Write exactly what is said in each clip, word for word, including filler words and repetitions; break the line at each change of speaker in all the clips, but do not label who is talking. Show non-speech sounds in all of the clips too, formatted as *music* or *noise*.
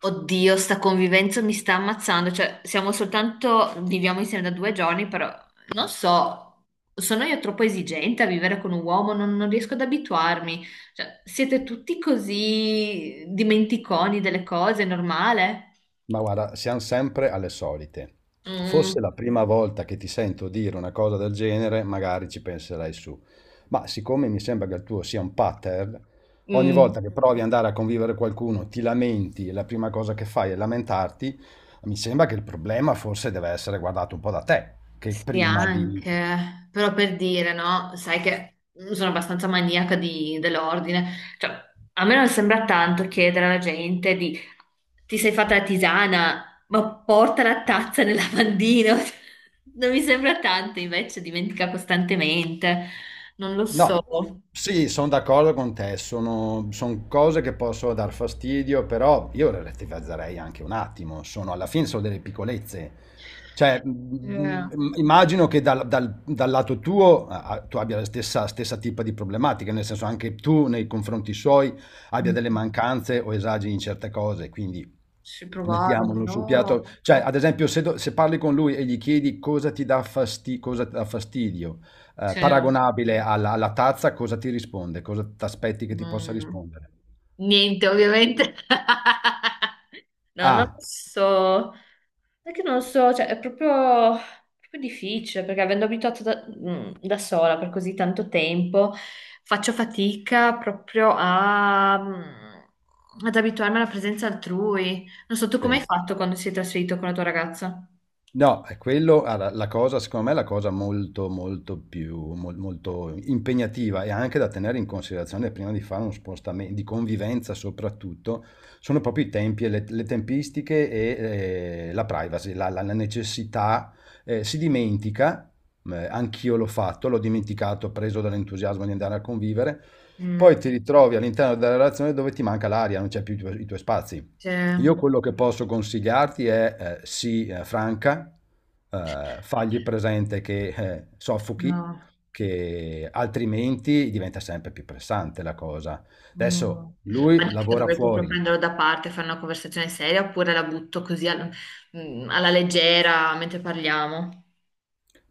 Oddio, sta convivenza mi sta ammazzando, cioè siamo soltanto, viviamo insieme da due giorni, però non so, sono io troppo esigente a vivere con un uomo, non, non riesco ad abituarmi, cioè siete tutti così dimenticoni delle cose, è normale?
Ma guarda, siamo sempre alle solite.
Mm,
Fosse la prima volta che ti sento dire una cosa del genere, magari ci penserai su. Ma siccome mi sembra che il tuo sia un pattern, ogni
mm.
volta che provi ad andare a convivere con qualcuno, ti lamenti e la prima cosa che fai è lamentarti, mi sembra che il problema forse deve essere guardato un po' da te, che
Sì,
prima di
anche, però per dire, no? Sai che sono abbastanza maniaca di- dell'ordine. Cioè, a me non sembra tanto chiedere alla gente di ti sei fatta la tisana, ma porta la tazza nel lavandino. *laughs* Non mi sembra tanto, invece dimentica costantemente. Non lo so.
No, sì, sono d'accordo con te, sono, son cose che possono dar fastidio, però io le relativizzerei anche un attimo, sono, alla fine sono delle piccolezze. Cioè,
Eh,
mm, mm, immagino che dal, dal- dal lato tuo ah, tu abbia la stessa, stessa tipa di problematica, nel senso anche tu nei confronti suoi abbia delle
mm,
mancanze o esageri in certe cose, quindi
Ci provare,
mettiamolo sul
no?
piatto. Cioè, ad esempio, se, do- se parli con lui e gli chiedi cosa ti dà fasti- cosa ti dà fastidio, eh,
Cioè,
paragonabile alla, alla tazza, cosa ti risponde? Cosa ti aspetti che ti possa
mm,
rispondere?
Niente, ovviamente. *laughs* No, non lo
Ah,
so, è che non lo so, cioè è proprio, proprio difficile perché avendo abituato da, mm, da sola per così tanto tempo, faccio fatica proprio a, mm, ad abituarmi alla presenza altrui. Non so, tu come hai
sì.
fatto quando sei trasferito con la tua ragazza?
No, è quello, guarda, la cosa, secondo me, è la cosa molto, molto più, mol- molto impegnativa e anche da tenere in considerazione prima di fare uno spostamento, di convivenza soprattutto, sono proprio i tempi e le, le tempistiche e eh, la privacy, la, la- la necessità. Eh, si dimentica, eh, anch'io l'ho fatto, l'ho dimenticato, preso dall'entusiasmo di andare a convivere,
Mm,
poi ti ritrovi all'interno della relazione dove ti manca l'aria, non c'è più i tuoi i tuoi spazi.
cioè,
Io quello che posso consigliarti è, eh, sii, eh, franca, eh, fagli presente che eh, soffochi,
no.
che altrimenti diventa sempre più pressante la cosa.
Mm.
Adesso lui
Adesso
lavora
dovrei proprio
fuori,
prenderlo da parte, fare una conversazione seria oppure la butto così al- mm, alla leggera mentre parliamo.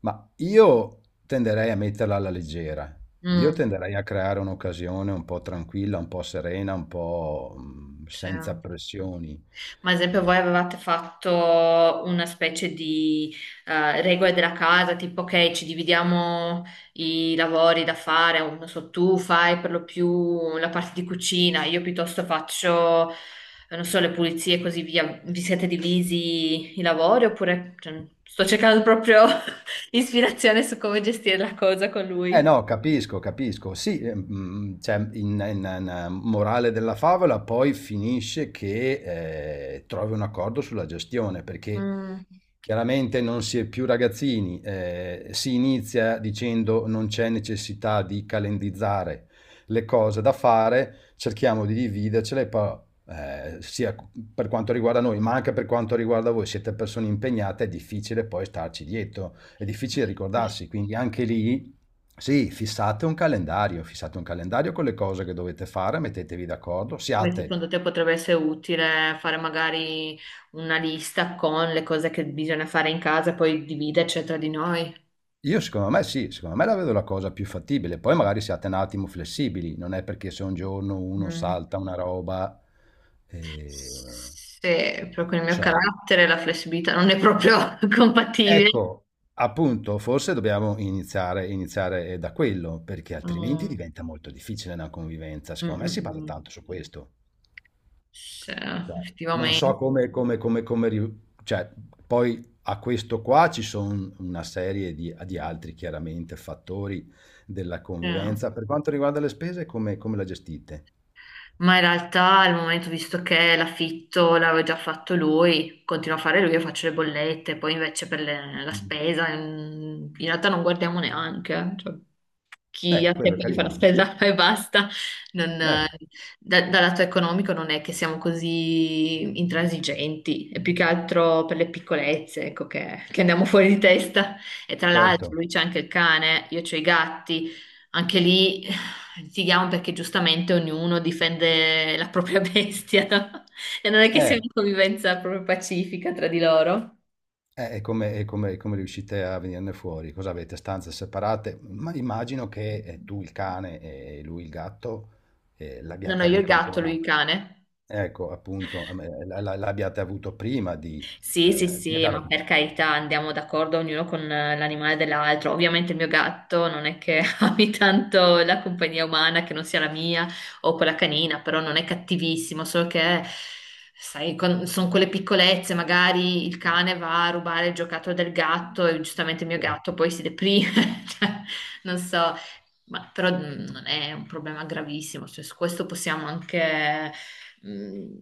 ma io tenderei a metterla alla leggera. Io
Mm,
tenderei a creare un'occasione un po' tranquilla, un po' serena, un po' mh,
sì.
senza pressioni.
Ma ad esempio
Eh,
voi avevate fatto una specie di eh, regole della casa, tipo che ci dividiamo i lavori da fare, o non so, tu fai per lo più la parte di cucina, io piuttosto faccio, eh, non so, le pulizie e così via. Vi siete divisi i lavori oppure cioè, sto cercando proprio *laughs* ispirazione su come gestire la cosa con
Eh
lui?
no, capisco, capisco. Sì, eh, mm, cioè, in, in- in- ehm, morale della favola poi finisce che eh, trovi un accordo sulla gestione, perché
Mm.
chiaramente non si è più ragazzini, eh, si inizia dicendo non c'è necessità di calendizzare le cose da fare, cerchiamo di dividercele, poi, eh, sia per quanto riguarda noi, ma anche per quanto riguarda voi, siete persone impegnate, è difficile poi starci dietro, è difficile ricordarsi, quindi anche lì sì, fissate un calendario, fissate un calendario con le cose che dovete fare, mettetevi d'accordo,
Poi
siate,
secondo te potrebbe essere utile fare magari una lista con le cose che bisogna fare in casa e poi dividerci tra di noi?
io secondo me sì, secondo me la vedo la cosa più fattibile, poi magari siate un attimo flessibili, non è perché se un giorno uno
Mm.
salta una roba, eh,
Se proprio il mio
cioè,
carattere, la flessibilità non è proprio *laughs* compatibile.
ecco, appunto, forse dobbiamo iniziare, iniziare eh, da quello, perché altrimenti
Mm,
diventa molto difficile una convivenza,
mm,
secondo me si
mm,
basa
mm.
tanto su questo.
Sì,
Cioè, non so
effettivamente.
come, come, come, come ri- cioè, poi a questo qua ci sono una serie di, di altri, chiaramente, fattori della convivenza. Per quanto riguarda le spese, come, come la gestite?
Ma in realtà al momento, visto che l'affitto l'aveva già fatto lui, continuo a fare lui e faccio le bollette, poi invece per le- la
Mm.
spesa, mm, in realtà non guardiamo neanche. Eh. Cioè. Chi ha
Eh, quello è
tempo di fare la
carino.
spesa *laughs* e basta, non- eh,
Eh,
da- dal lato economico non è che siamo così intransigenti, è più che altro per le piccolezze, ecco, che, che andiamo fuori di testa. E tra l'altro
certo.
lui c'ha anche il cane, io c'ho i gatti, anche lì eh, litighiamo perché giustamente ognuno difende la propria *laughs* bestia, no? E non è che sia
Eh,
una convivenza proprio pacifica tra di loro.
eh, e come, e come- e come riuscite a venirne fuori? Cosa avete? Stanze separate? Ma immagino che eh, tu il cane e lui il gatto eh,
No, no,
l'abbiate
Io il
avuto
gatto, lui
ancora.
il cane.
Ecco, appunto, a me la la l'abbiate avuto prima di,
Sì, sì,
ehm, di
sì,
andare
ma per carità andiamo d'accordo ognuno con eh, l'animale dell'altro. Ovviamente il mio gatto non è che *laughs* ami tanto la compagnia umana che non sia la mia o quella canina, però non è cattivissimo, solo che, sai, con- sono quelle piccolezze, magari il cane va a rubare il giocattolo del gatto e giustamente il mio gatto poi si deprime. *laughs* Cioè, non so, ma, però mm, non è un problema gravissimo, cioè, su questo possiamo anche, Mm,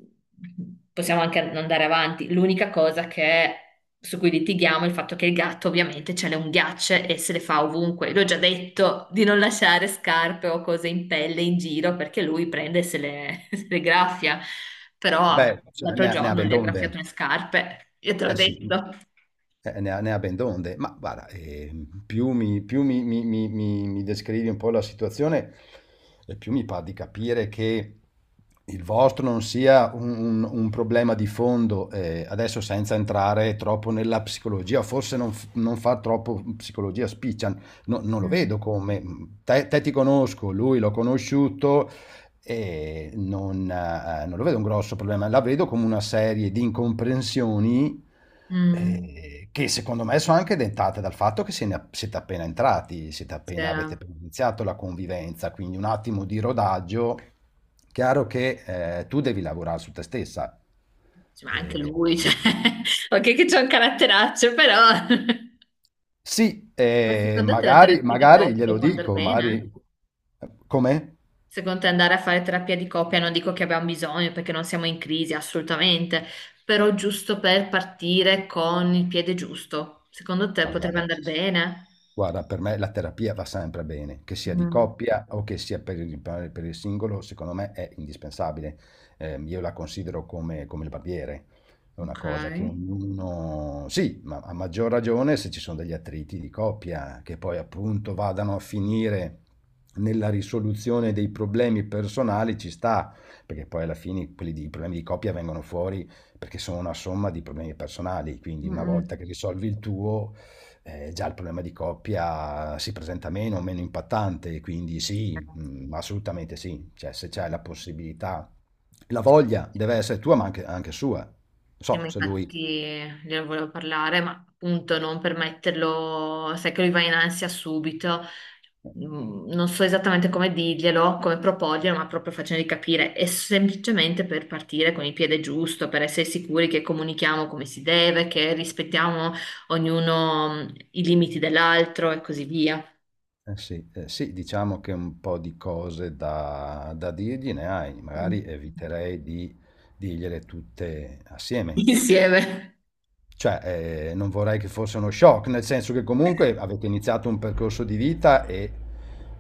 possiamo anche andare avanti. L'unica cosa che, su cui litighiamo è il fatto che il gatto ovviamente ce le unghiacce e se le fa ovunque. L'ho già detto di non lasciare scarpe o cose in pelle in giro perché lui prende e se le, *laughs* se le graffia. Però
beh, cioè
l'altro
ne ne ha
giorno
ben
gli ha graffiato
donde.
le scarpe, io te l'ho
Eh sì.
detto.
Eh, ne, a- ne avendo onde, ma guarda, eh, più mi, più mi- mi- mi- mi- mi descrivi un po' la situazione, e più mi pare di capire che il vostro non sia un, un- un problema di fondo, eh, adesso senza entrare troppo nella psicologia, forse non, f- non fa troppo psicologia spiccia, no- non lo
Mm.
vedo come, te, te ti conosco, lui l'ho conosciuto, e non, eh, non lo vedo un grosso problema, la vedo come una serie di incomprensioni
Mm.
eh, che secondo me sono anche dentate dal fatto che se ne- siete appena entrati, siete appena,
Cioè,
avete appena iniziato la convivenza, quindi un attimo di rodaggio. Chiaro che eh, tu devi lavorare su te stessa.
sì, ma anche
Eh,
lui, cioè, *laughs* ok che c'è un caratteraccio, però... *laughs*
sì,
Ma
eh,
secondo te la
magari,
terapia di
magari
coppia
glielo
può andare
dico,
bene?
magari... Come?
Secondo te andare a fare terapia di coppia non dico che abbiamo bisogno perché non siamo in crisi, assolutamente, però giusto per partire con il piede giusto. Secondo te
Ma
potrebbe
guarda.
andare bene?
Guarda, per me la terapia va sempre bene, che sia di
Mm,
coppia o che sia per il, per- per il singolo, secondo me è indispensabile. Ehm, io la considero come, come il barbiere, è una
ok.
cosa che ognuno... Sì, ma a maggior ragione se ci sono degli attriti di coppia che poi appunto vadano a finire nella risoluzione dei problemi personali, ci sta, perché poi alla fine quelli di, i problemi di coppia vengono fuori perché sono una somma di problemi personali, quindi una volta
Mm,
che risolvi il tuo eh, già il problema di coppia si presenta meno, meno impattante, quindi sì, mm, assolutamente sì, cioè se c'è
mm.
la possibilità, la voglia deve essere tua ma anche, anche sua, non
Sì,
so
ma
se lui,
infatti ne volevo parlare, ma appunto non per metterlo, sai che lui va in ansia subito, Mm, non so esattamente come dirglielo, come proporglielo, ma proprio facendogli capire, è semplicemente per partire con il piede giusto, per essere sicuri che comunichiamo come si deve, che rispettiamo ognuno mm, i limiti dell'altro e così via.
eh sì, eh sì, diciamo che un po' di cose da, da dirgli ne hai,
Mm.
magari
*laughs*
eviterei di dirgliele tutte assieme.
Insieme.
Cioè, ehm, non vorrei che fosse uno shock, nel senso che comunque avete iniziato un percorso di vita e,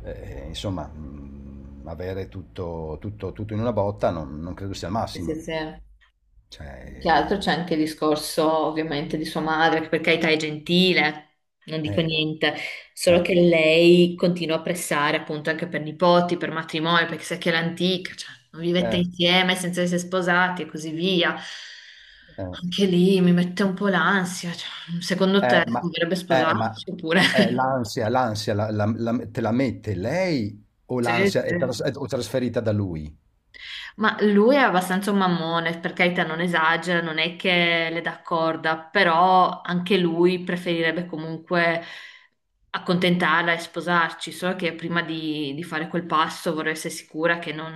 ehm, insomma, mhmm, avere tutto tutto tutto in una botta non non credo sia il
Sì,
massimo.
sì, sì. Più che altro
Cioè
c'è anche il discorso ovviamente di sua madre, che per carità è gentile, non dico
eh,
niente, solo
eh,
che lei continua a pressare appunto anche per nipoti, per matrimonio, perché sa che è l'antica, cioè non vivete
eh, eh,
insieme senza essere sposati e così via.
eh,
Anche lì mi mette un po' l'ansia, cioè, secondo te
eh,
si
ma
dovrebbe
eh, ma
sposarsi oppure...
eh,
*laughs*
l'ansia l'ansia la la la te la mette lei o
Sì,
l'ansia è tras
sì.
o trasferita da lui?
Ma lui è abbastanza un mammone, per carità non esagera, non è che le dà corda, però anche lui preferirebbe comunque accontentarla e sposarci, solo che prima di, di fare quel passo vorrei essere sicura che non,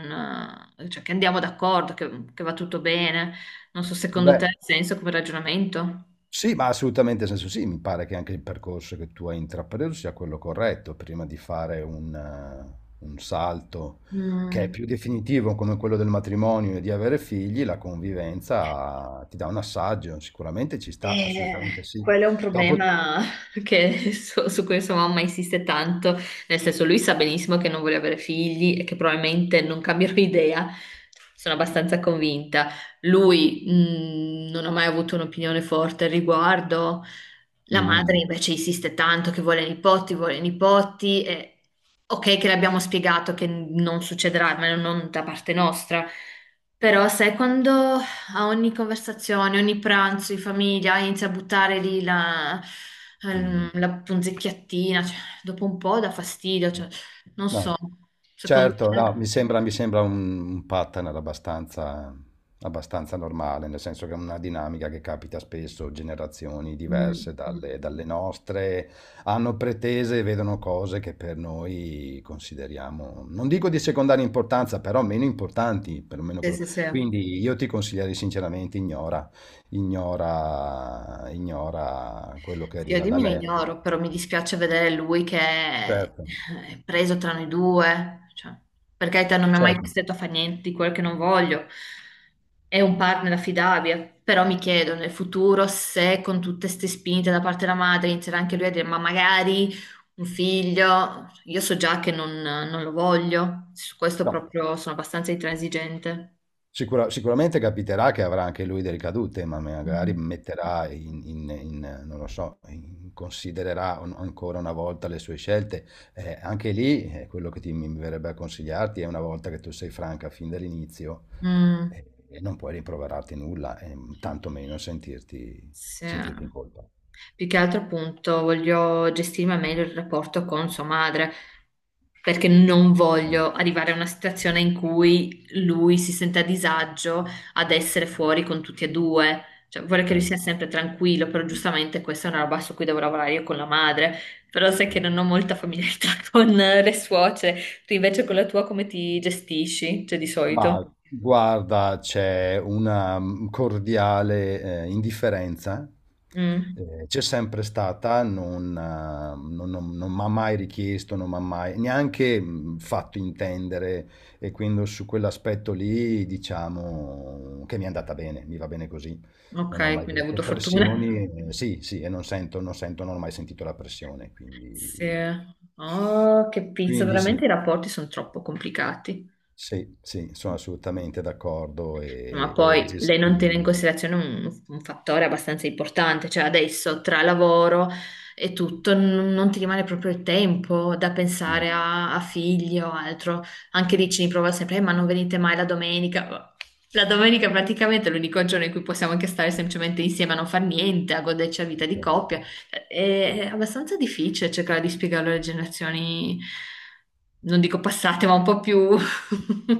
eh, cioè che andiamo d'accordo, che, che va tutto bene. Non so, secondo te
Beh
ha senso come ragionamento?
sì, ma assolutamente, nel senso sì, mi pare che anche il percorso che tu hai intrapreso sia quello corretto, prima di fare un, eh, un salto che è
Mm.
più definitivo come quello del matrimonio e di avere figli, la convivenza ti dà un assaggio, sicuramente ci sta, assolutamente
Eh,
sì.
quello è un
Dopo...
problema *laughs* che- su, su cui sua mamma insiste tanto, nel senso lui sa benissimo che non vuole avere figli e che probabilmente non cambierò *laughs* idea, sono abbastanza convinta. Lui mh, non ha mai avuto un'opinione forte al riguardo, la madre
Mm,
invece insiste tanto che vuole nipoti, vuole nipoti, e ok che le abbiamo spiegato che non succederà, ma non da parte nostra, però sai quando... A ogni conversazione, ogni pranzo in famiglia inizia a buttare lì la, ehm,
mm,
la punzecchiattina, cioè, dopo un po' dà fastidio,
sì.
cioè, non so,
No.
secondo
Certo, no,
te?
mi sembra, mi sembra un, un pattern abbastanza, abbastanza normale, nel senso che è una dinamica che capita spesso, generazioni
Mm,
diverse
mm.
dalle, dalle nostre hanno pretese e vedono cose che per noi consideriamo, non dico di secondaria importanza, però meno importanti, perlomeno
Sì,
quello.
sì, sì.
Quindi io ti consiglierei sinceramente ignora, ignora, ignora quello che
Sì, io
arriva
di
da
mio
lei.
ignoro, però mi dispiace vedere lui che è
Certo,
è preso tra noi due, cioè, per carità non mi ha mai
certo.
costretto a fare niente di quello che non voglio, è un partner affidabile, però mi chiedo nel futuro se con tutte queste spinte da parte della madre inizierà anche lui a dire ma magari un figlio, io so già che non, non lo voglio, su questo
No.
proprio sono abbastanza intransigente.
Sicura- sicuramente capiterà che avrà anche lui delle ricadute, ma magari
Mm.
metterà in, in- in, non lo so, in- considererà un- ancora una volta le sue scelte. Eh, anche lì, eh, quello che ti, mi verrebbe a consigliarti è una volta che tu sei franca fin dall'inizio,
Mm.
eh, e non puoi rimproverarti nulla, e tanto meno sentirti,
Sì.
sentirti in colpa.
Più che altro appunto voglio gestirmi al meglio il rapporto con sua madre, perché non
Eh,
voglio arrivare a una situazione in cui lui si sente a disagio ad essere fuori con tutti e due. Cioè, vorrei che lui
cioè,
sia sempre tranquillo, però giustamente questa è una roba su cui devo lavorare io con la madre. Però sai che
sì.
non ho molta familiarità *laughs* con le suocere. Tu invece con la tua come ti gestisci? Cioè, di solito?
Ma guarda, c'è una mm, cordiale eh, indifferenza,
Mm,
eh, c'è sempre stata, non, eh, non, non- non mi ha mai richiesto, non mi ha mai neanche mm, fatto intendere e quindi su quell'aspetto lì diciamo che mi è andata bene, mi va bene così, non ho
ok,
mai
quindi hai
avuto
avuto fortuna.
pressioni, eh, sì, sì, e non sento, non sento, non ho mai sentito la pressione,
Sì.
quindi,
Oh, che pizza,
quindi sì.
veramente i rapporti sono troppo complicati.
Sì, sì, sono assolutamente d'accordo
Ma
e, e
poi lei non tiene in
gestibili.
considerazione un, un fattore abbastanza importante, cioè adesso tra lavoro e tutto n- non ti rimane proprio il tempo da pensare a, a figli o altro. Anche lì ci riprova sempre, "Eh, ma non venite mai la domenica. La domenica praticamente è l'unico giorno in cui possiamo anche stare semplicemente insieme a non far niente, a goderci la vita di
Certo.
coppia. È, è abbastanza difficile cercare di spiegarlo alle generazioni, non dico passate, ma un po' più...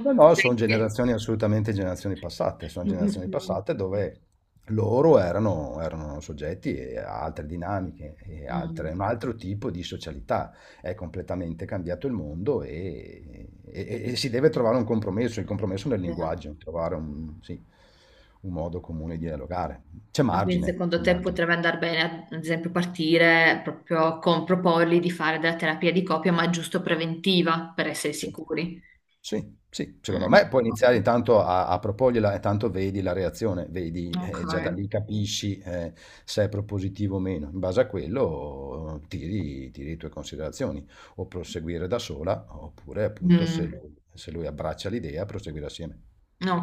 No, no, sono
vecchie.
generazioni assolutamente generazioni passate, sono
Mm, mm,
generazioni
mm.
passate dove loro erano, erano soggetti a altre dinamiche, e altre-
Mm,
un altro tipo di socialità. È completamente cambiato il mondo e, e- e si deve trovare un compromesso, il compromesso nel
sì.
linguaggio, trovare un, sì, un modo comune di dialogare. C'è
Ma quindi
margine,
secondo
c'è
te
margine.
potrebbe andare bene, ad esempio, partire proprio con proporgli di fare della terapia di coppia, ma giusto preventiva, per essere
Sì,
sicuri?
sì, sì, secondo
Mm,
me puoi iniziare intanto a, a proporgliela e tanto vedi la reazione, vedi,
ok.
eh, già da lì capisci eh, se è propositivo o meno. In base a quello tiri, tiri le tue considerazioni, o proseguire da sola, oppure appunto se
Mm,
lui, se lui abbraccia l'idea, proseguire assieme.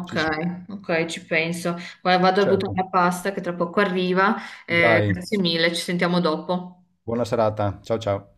Sì, sì,
ok, ci penso. Guarda, vado a buttare
certo.
la pasta che tra poco arriva. Eh,
Dai,
grazie mille, ci sentiamo dopo.
buona serata. Ciao ciao.